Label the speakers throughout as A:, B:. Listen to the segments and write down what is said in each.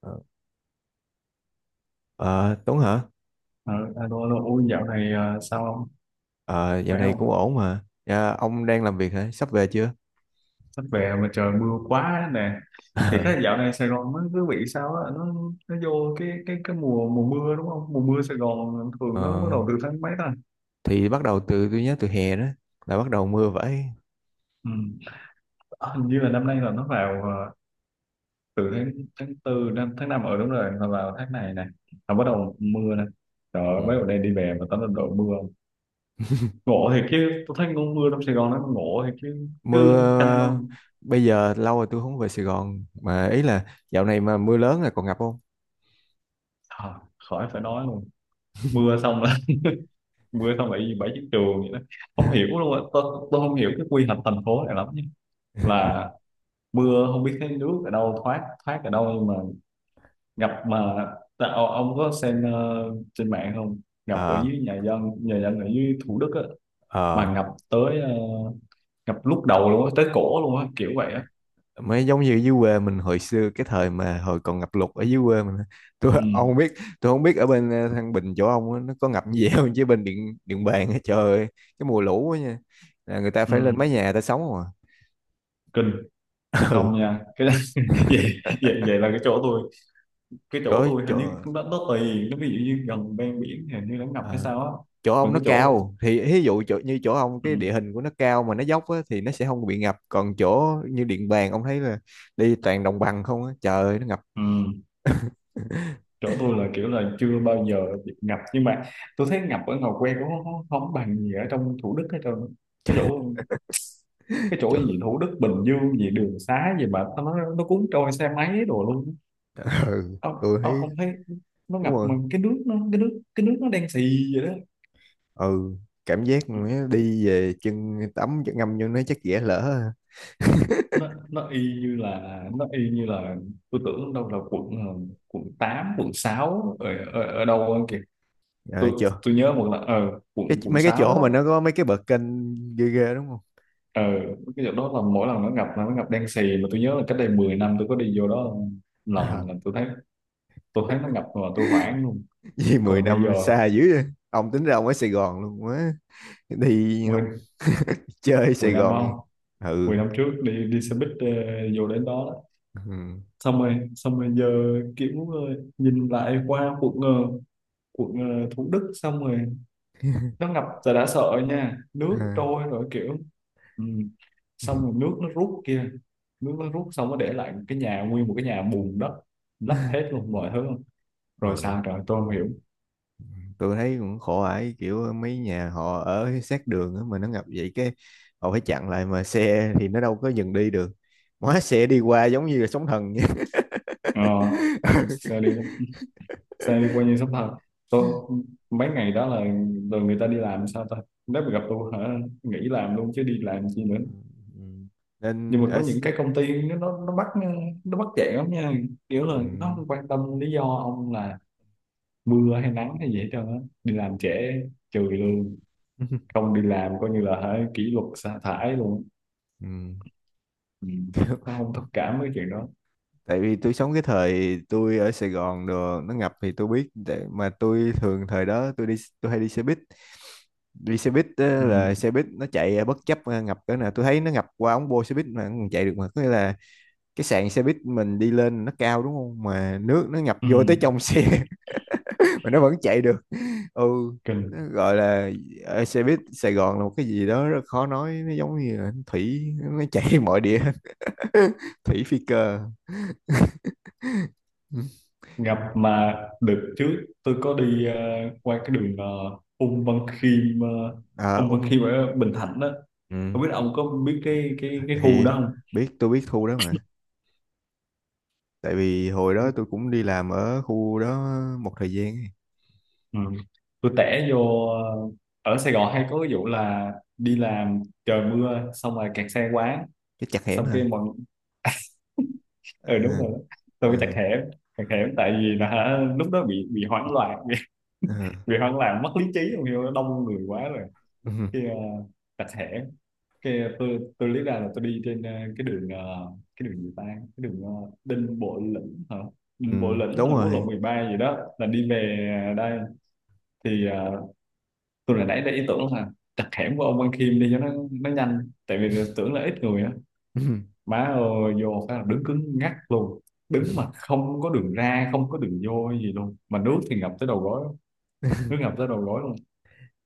A: Ờ, Ờ, Tuấn hả?
B: Ờ, alo, alo, ôi dạo này sao không?
A: Ờ, dạo
B: Khỏe
A: này cũng
B: không?
A: ổn mà. Dạ, ông đang làm việc hả? Sắp về chưa?
B: Sắp về mà trời mưa quá nè. Thì cái dạo này Sài Gòn nó cứ bị sao á, nó vô cái mùa mùa mưa đúng không? Mùa mưa Sài Gòn
A: Ờ,
B: thường nó bắt đầu từ tháng mấy ta?
A: thì bắt đầu từ tôi nhớ từ hè đó là bắt đầu mưa vậy.
B: Ừ. Ờ, Hình như là năm nay là nó vào, từ tháng tháng tư, năm, tháng 5 ở đúng rồi, là vào tháng này này. Là bắt đầu mưa nè. Trời ơi,
A: Ừ.
B: mấy hôm nay đi về mà tắm lên đội mưa. Ngộ thiệt chứ, tôi thấy con mưa trong Sài Gòn nó ngộ thiệt chứ,
A: Mưa
B: cứ canh nó.
A: ờ, bây giờ lâu rồi tôi không về Sài Gòn mà ý là dạo này mà mưa lớn là còn ngập không?
B: À, khỏi phải nói luôn. Mưa xong là mưa xong bảy bảy chiếc trường vậy đó, không hiểu luôn á tôi không hiểu cái quy hoạch thành phố này lắm nha, là mưa không biết cái nước ở đâu, thoát thoát ở đâu, nhưng mà ngập mà. Ta, ông có xem trên mạng không, ngập ở
A: Ờ,
B: dưới nhà dân, nhà dân ở dưới Thủ Đức á,
A: ờ.
B: mà ngập lúc đầu luôn á, tới cổ luôn á kiểu vậy á.
A: Mới giống như dưới quê mình hồi xưa cái thời mà hồi còn ngập lụt ở dưới quê mình á.
B: Ừ,
A: Ông không biết, tôi không biết ở bên Thăng Bình chỗ ông á, nó có ngập như vậy không, chứ bên Điện Điện Bàn á, trời ơi, cái mùa lũ á nha, là người ta phải lên mái
B: ừ,
A: nhà người ta sống không à.
B: kinh không
A: Ừ.
B: nha cái đó. vậy, vậy vậy là cái chỗ
A: chỗ
B: tôi hình như
A: chỗ
B: nó tùy, nó ví dụ như gần ven biển thì hình như nó ngập hay
A: ờ,
B: sao á,
A: chỗ ông
B: còn
A: nó
B: cái chỗ.
A: cao, thì ví dụ như chỗ ông
B: Ừ,
A: cái địa hình của nó cao mà nó dốc á, thì nó sẽ không bị ngập, còn chỗ như Điện Bàn ông thấy là đi toàn đồng bằng không á, trời ơi nó ngập.
B: ừ. Chỗ tôi là kiểu là chưa bao giờ bị ngập, nhưng mà tôi thấy ngập ở Ngò Quê cũng không bằng gì ở trong Thủ Đức hết trơn. cái chỗ cái chỗ
A: Trời-
B: gì, Thủ Đức, Bình Dương gì đường xá gì mà nó cuốn trôi xe máy đồ luôn.
A: ừ, tôi thấy
B: Ông thấy nó
A: đúng
B: ngập
A: rồi.
B: mà cái nước nó đen xì vậy đó.
A: Ừ, cảm giác mà đi về chân tắm chân ngâm vô nó chắc dễ lỡ ha.
B: Nó y như là tôi tưởng đâu là quận, quận 8, quận 6 ở, ở đâu kìa.
A: Ờ,
B: tôi
A: chưa.
B: tôi nhớ một là, quận
A: cái
B: quận
A: mấy cái
B: 6
A: chỗ
B: á.
A: mà nó có mấy cái bậc kênh ghê ghê, đúng không?
B: Ừ. Cái chỗ đó là mỗi lần nó ngập là nó ngập đen xì, mà tôi nhớ là cách đây 10 năm tôi có đi vô đó
A: À.
B: lần là tôi thấy nó ngập mà tôi hoảng luôn.
A: Vì 10
B: Còn bây giờ
A: năm xa dữ vậy. Ông tính ra ông ở Sài Gòn luôn quá, đi không?
B: 10
A: Chơi
B: 10
A: Sài
B: năm
A: Gòn.
B: không, 10
A: Ừ,
B: năm trước đi đi xe buýt, vô đến đó, đó.
A: ừ.
B: Xong rồi giờ kiểu, nhìn lại qua quận, Thủ Đức, xong rồi nó ngập rồi đã sợ nha, nước
A: À.
B: trôi rồi kiểu. Ừ. Xong rồi nước nó rút kia, nước nó rút xong nó để lại cái nhà, nguyên một cái nhà bùn đất lấp hết luôn mọi thứ, rồi
A: Ừ,
B: sao rồi tôi không hiểu.
A: tôi thấy cũng khổ ải kiểu mấy nhà họ ở sát đường á, mà nó ngập vậy cái họ phải chặn lại, mà xe thì nó đâu có dừng đi được, hóa xe đi qua giống như là sóng thần
B: ờ,
A: vậy.
B: xe đi Xe đi qua như sắp thật. Tôi mấy ngày đó là rồi người ta đi làm sao ta, nếu mà gặp tôi hả nghỉ làm luôn chứ đi làm chi nữa.
A: Ừ, ừ.
B: Nhưng
A: nên
B: mà
A: ở
B: có
A: S-
B: những cái công ty nó bắt chẹn lắm nha, kiểu là nó
A: ừ.
B: không quan tâm lý do ông là mưa hay nắng hay gì hết trơn á, đi làm trễ trừ lương, không đi làm coi như là hả kỷ luật sa thải luôn.
A: Ừ.
B: Ừ. Nó không thông cảm với chuyện đó.
A: Tại vì tôi sống cái thời tôi ở Sài Gòn đồ nó ngập thì tôi biết, để mà tôi thường thời đó tôi hay đi xe buýt. Đi xe buýt á,
B: Ừ.
A: là xe buýt nó chạy bất chấp à, ngập cỡ nào tôi thấy nó ngập qua ống bô xe buýt mà nó còn chạy được, mà có nghĩa là cái sàn xe buýt mình đi lên nó cao đúng không, mà nước nó ngập
B: Ừ.
A: vô tới trong xe. Mà nó vẫn chạy được. Ừ. Nó
B: Kinh.
A: gọi là xe buýt Sài Gòn là một cái gì đó rất khó nói, nó giống như là thủy, nó chảy mọi địa. Thủy phi cơ.
B: Gặp mà được trước tôi có đi, qua cái đường, Ung Văn Khiêm ờ,
A: À,
B: Ung Văn
A: ông.
B: Khiêm ở Bình Thạnh đó,
A: Ừ,
B: không biết ông có biết cái khu
A: thì
B: đó không.
A: tôi biết khu đó mà, tại vì hồi đó tôi cũng đi làm ở khu đó một thời gian ấy.
B: Ừ. Tôi tẻ vô, ở Sài Gòn hay có cái vụ là đi làm trời mưa xong rồi kẹt xe quá,
A: Cái chặt hẻm
B: xong
A: hả?
B: cái mọi.
A: À,
B: Ừ đúng rồi đó. Tôi mới
A: à,
B: chặt hẻm, chặt hẻm tại vì là hả, lúc đó bị hoảng loạn
A: à.
B: bị hoảng loạn mất lý trí không hiểu, đông người quá rồi cái, uh, chặt hẻm, cái tôi lý ra là tôi đi trên, cái đường, cái đường gì ta, cái đường, Đinh Bộ Lĩnh hả, Ừ,
A: Ừ.
B: Bộ
A: Ừ.
B: Lĩnh
A: Đúng
B: hay là quốc lộ
A: rồi.
B: 13 gì đó là đi về, đây. Thì, tôi là nãy đã ý tưởng là chặt hẻm của ông Văn Khiêm đi cho nó nhanh tại vì tưởng là ít người á,
A: Ừ.
B: má ơi vô phải là đứng cứng ngắc luôn, đứng mà không có đường ra không có đường vô gì luôn, mà nước thì ngập tới đầu gối, nước ngập tới đầu gối luôn.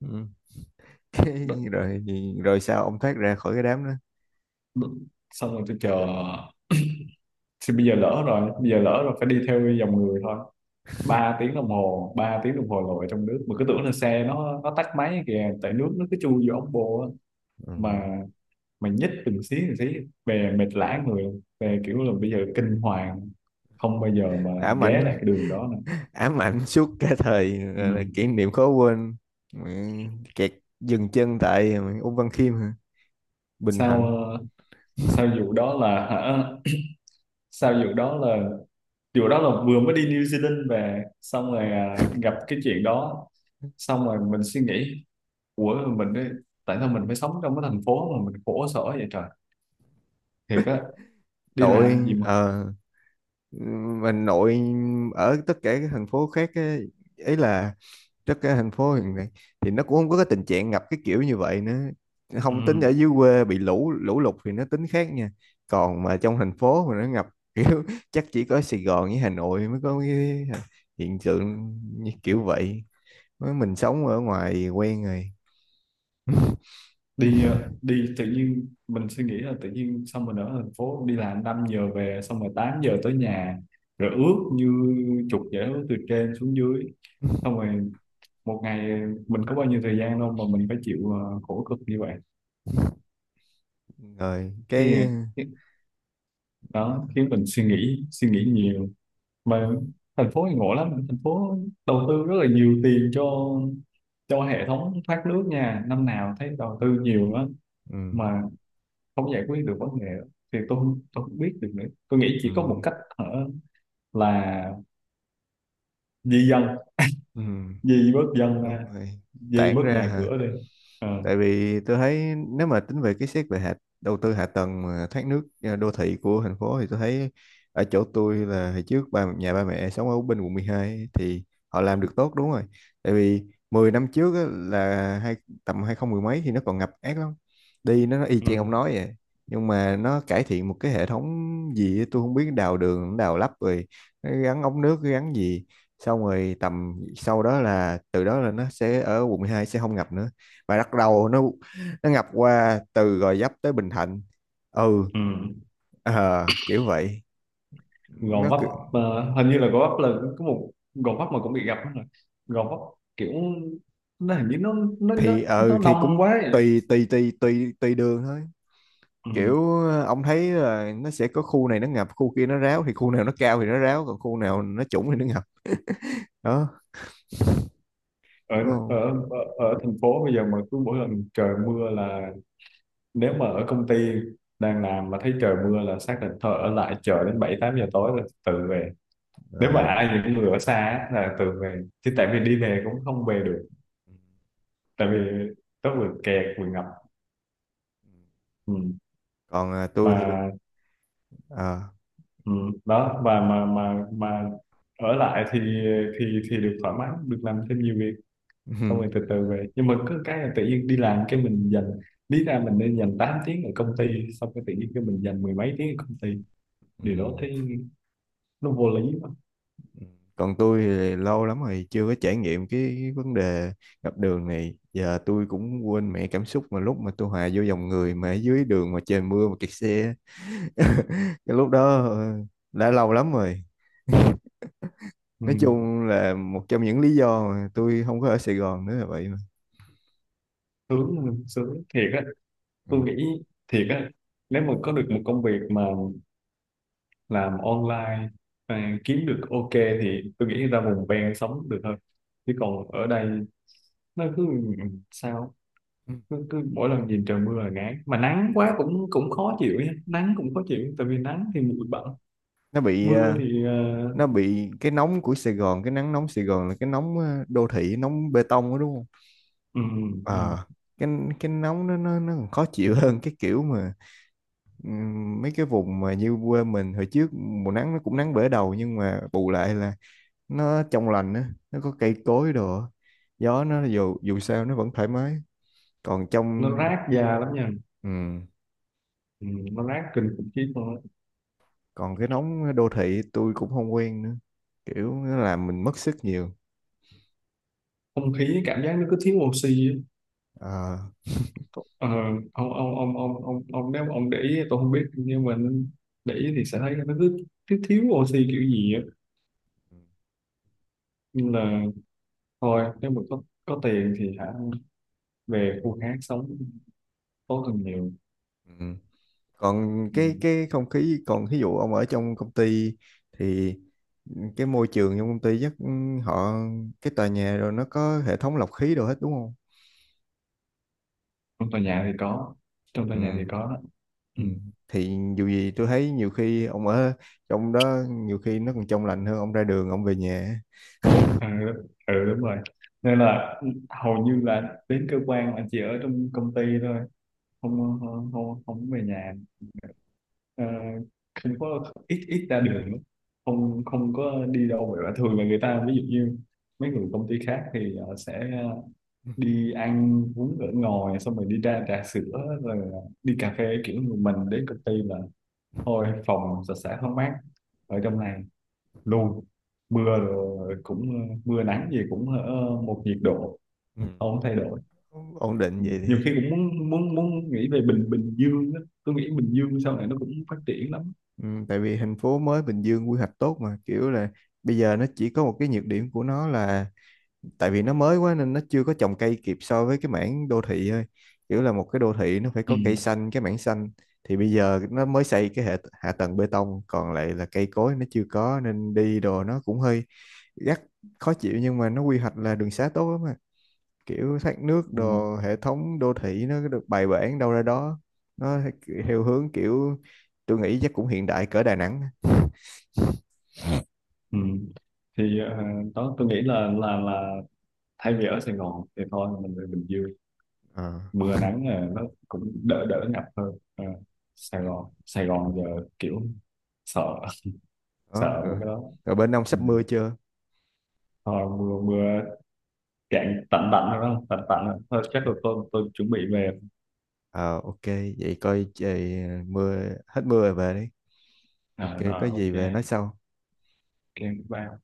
A: Ừ.
B: Đất-
A: Rồi, rồi sao ông thoát ra khỏi cái đám đó?
B: Đất. Xong rồi tôi chờ, thì bây giờ lỡ rồi, bây giờ lỡ rồi phải đi theo dòng người thôi, 3 tiếng đồng hồ, 3 tiếng đồng hồ lội trong nước mà cứ tưởng là xe nó tắt máy kìa tại nước nó cứ chui vô ống bô á,
A: Ừ.
B: mà mà nhích từng xí từng xí, về mệt lả người luôn. Về kiểu là bây giờ kinh hoàng không bao giờ mà
A: Đã
B: ghé
A: mạnh.
B: lại cái đường đó nữa.
A: Ám ảnh suốt cả thời là
B: Ừ.
A: kỷ niệm khó quên. Mẹ, kẹt, dừng chân tại mẹ, Ung Văn Khiêm hả? Bình
B: sao
A: Thạnh.
B: ờ, sao vụ đó là hả sao vụ đó là vừa mới đi New Zealand về, xong rồi à, gặp cái chuyện đó, xong rồi mình suy nghĩ, ủa mình ấy, tại sao mình phải sống trong cái thành phố mà mình khổ sở vậy trời, thiệt á, đi làm gì
A: Nội
B: mà.
A: ờ Mình nội ở tất cả các thành phố khác á, ấy là tất cả thành phố hiện nay thì nó cũng không có cái tình trạng ngập cái kiểu như vậy nữa,
B: Ừ.
A: không tính ở dưới quê bị lũ lũ lụt thì nó tính khác nha. Còn mà trong thành phố mà nó ngập kiểu, chắc chỉ có Sài Gòn với Hà Nội mới có cái hiện tượng như kiểu vậy. Mới mình sống ở ngoài quen rồi
B: Đi tự nhiên mình suy nghĩ là tự nhiên, xong mình ở thành phố đi làm 5 giờ về xong rồi 8 giờ tới nhà, rồi ướt như chuột dễ từ trên xuống dưới, xong rồi một ngày mình có bao nhiêu thời gian đâu mà mình phải chịu, khổ cực như vậy.
A: rồi
B: thì thì- Đó khiến mình suy nghĩ nhiều, mà thành phố thì ngộ lắm, thành phố đầu tư rất là nhiều tiền cho, hệ thống thoát nước nha, năm nào thấy đầu tư nhiều lắm
A: ừ,
B: mà không giải quyết được vấn đề đó. Thì tôi không biết được nữa, tôi nghĩ
A: ừ,
B: chỉ có một cách ở là di dân,
A: ừ,
B: di bớt dân ra,
A: đúng rồi.
B: di
A: Tản
B: bớt
A: ra
B: nhà
A: hả?
B: cửa đi. Ờ,
A: Tại vì tôi thấy nếu mà tính về cái, xét về đầu tư hạ tầng mà thoát nước à, đô thị của thành phố thì tôi thấy ở chỗ tôi là hồi trước ba, nhà ba mẹ sống ở bên quận 12 thì họ làm được tốt đúng rồi, tại vì 10 năm trước á, là tầm 20 mười mấy thì nó còn ngập ác lắm, đi nó y
B: ừ,
A: chang ông nói vậy, nhưng mà nó cải thiện một cái hệ thống gì á, tôi không biết đào đường đào lắp rồi nó gắn ống nước gắn gì, xong rồi tầm sau đó là từ đó là nó sẽ ở quận 12 sẽ không ngập nữa, và bắt đầu nó ngập qua từ Gò Vấp tới Bình Thạnh. Ừ.
B: ừ.
A: Kiểu vậy.
B: Gò
A: Nó
B: Vấp,
A: cứ-
B: hình như là Gò Vấp là có một Gò Vấp mà cũng bị gặp đó rồi, Gò Vấp kiểu nó hình như
A: thì ờ
B: nó
A: Thì cũng
B: đông quá ấy.
A: tùy tùy tùy tùy tùy đường thôi,
B: Ừ.
A: kiểu ông thấy là nó sẽ có khu này nó ngập khu kia nó ráo, thì khu nào nó cao thì nó ráo còn khu nào nó trũng thì nó ngập đó,
B: ở,
A: đúng
B: ở
A: không?
B: ở Ở thành phố bây giờ mà cứ mỗi lần trời mưa là nếu mà ở công ty đang làm mà thấy trời mưa là xác định thôi, ở lại chờ đến bảy tám giờ tối rồi tự về, nếu mà
A: Ờ.
B: ai những người ở xa á, là tự về, chứ tại vì đi về cũng không về được tại vì nó vừa kẹt vừa ngập. Ừ.
A: Còn tôi thì
B: Mà
A: ờ.
B: ừ. Đó và mà ở lại thì được thoải mái, được làm thêm nhiều việc, xong rồi từ từ về, nhưng mà cứ cái là tự nhiên đi làm cái mình dành, lý ra mình nên dành 8 tiếng ở công ty, xong cái tự nhiên cái mình dành mười mấy tiếng ở công ty, điều đó
A: Ừ.
B: thấy nó vô lý quá.
A: Còn tôi thì lâu lắm rồi chưa có trải nghiệm cái vấn đề ngập đường này. Giờ tôi cũng quên mẹ cảm xúc mà lúc mà tôi hòa vô dòng người mà ở dưới đường mà trời mưa mà kẹt xe. Cái lúc đó ờ, đã lâu lắm rồi.
B: Ừ.
A: Nói chung là một trong những lý do mà tôi không có ở Sài Gòn nữa là vậy mà.
B: sướng Sướng thiệt á,
A: Ừ.
B: tôi nghĩ thiệt á, nếu mà có được một công việc mà làm online, à, kiếm được ok thì tôi nghĩ ra vùng ven sống được hơn, chứ còn ở đây nó cứ sao, cứ mỗi lần nhìn trời mưa là ngán, mà nắng quá cũng cũng khó chịu nhé, nắng cũng khó chịu tại vì nắng thì bụi bặm,
A: Nó bị
B: mưa
A: ờ,
B: thì
A: nó bị cái nóng của Sài Gòn, cái nắng nóng Sài Gòn là cái nóng đô thị, nóng bê tông đó đúng không?
B: ừm, ừm,
A: Ờ, cái cái nóng nó còn khó chịu hơn cái kiểu mà ừm, mấy cái vùng mà như quê mình hồi trước mùa nắng nó cũng nắng bể đầu, nhưng mà bù lại là nó trong lành á, nó có cây cối đồ á. Gió nó dù dù sao nó vẫn thoải mái. còn
B: nó
A: trong
B: rát da lắm nha.
A: ừm,
B: Nó rát kinh khủng khiếp luôn á.
A: Còn cái nóng đô thị tôi cũng không quen nữa, kiểu nó làm mình mất sức nhiều.
B: Không khí cảm giác nó cứ thiếu oxy á.
A: Ờ,
B: Ờ, ông nếu mà ông để ý, tôi không biết, nhưng mà để ý thì sẽ thấy là nó cứ thiếu thiếu oxy kiểu gì á. Nhưng là thôi nếu mà có tiền thì hả về khu khác sống tốt hơn nhiều.
A: ừm. Còn
B: Ừ.
A: cái không khí, còn ví dụ ông ở trong công ty thì cái môi trường trong công ty chắc họ, cái tòa nhà rồi nó có hệ thống lọc khí đồ hết đúng không?
B: Trong tòa nhà thì có, trong tòa
A: Ừ,
B: nhà thì có đó.
A: ừ.
B: Ừ.
A: Thì dù gì tôi thấy nhiều khi ông ở trong đó nhiều khi nó còn trong lành hơn ông ra đường ông về nhà.
B: Ừ, ừ đúng rồi, nên là hầu như là đến cơ quan là chỉ ở trong công ty thôi, không về nhà. Ờ, không có ít ít ra đường lắm, không không có đi đâu. Vậy thường là người ta ví dụ như mấy người công ty khác thì họ sẽ
A: Ừ.
B: đi ăn uống ở ngoài xong rồi đi ra trà sữa rồi, đi cà phê, kiểu người mình đến công ty là thôi phòng sạch sẽ thoáng mát ở trong này luôn, mưa rồi, cũng, mưa nắng gì cũng ở một nhiệt độ
A: Ừ.
B: không thay đổi.
A: Ừ, ổn định
B: Ừ.
A: vậy
B: Nhiều
A: đi.
B: khi cũng muốn muốn muốn nghĩ về, Bình Bình Dương á, tôi nghĩ Bình Dương sau này nó cũng phát triển lắm.
A: Ừ, tại vì thành phố mới Bình Dương quy hoạch tốt mà, kiểu là bây giờ nó chỉ có một cái nhược điểm của nó là tại vì nó mới quá nên nó chưa có trồng cây kịp so với cái mảng đô thị thôi, kiểu là một cái đô thị nó phải
B: Ừ.
A: có cây xanh cái mảng xanh, thì bây giờ nó mới xây cái hạ tầng bê tông còn lại là cây cối nó chưa có nên đi đồ nó cũng hơi gắt, khó chịu, nhưng mà nó quy hoạch là đường xá tốt lắm mà, kiểu thoát nước
B: Ừ.
A: đồ hệ thống đô thị nó được bài bản đâu ra đó. Nó theo hướng kiểu tôi nghĩ chắc cũng hiện đại cỡ Đà Nẵng.
B: Ừ. Thì, đó tôi nghĩ là thay vì ở Sài Gòn thì thôi mình về Bình Dương,
A: Ờ,
B: mưa nắng là nó cũng đỡ đỡ ngập hơn. Ờ, Sài Gòn, Sài Gòn giờ kiểu sợ,
A: đó,
B: sợ
A: rồi.
B: mấy cái đó.
A: Rồi bên ông
B: Ừ.
A: sắp mưa chưa?
B: Thôi mưa mưa cạn tạnh, tạnh rồi đó, tạnh tạnh rồi. Thôi chắc là tôi chuẩn bị về.
A: Ờ ok, vậy coi trời mưa, hết mưa rồi về đi.
B: À,
A: Ok, có
B: rồi
A: gì
B: ok.
A: về nói sau.
B: Ok bye.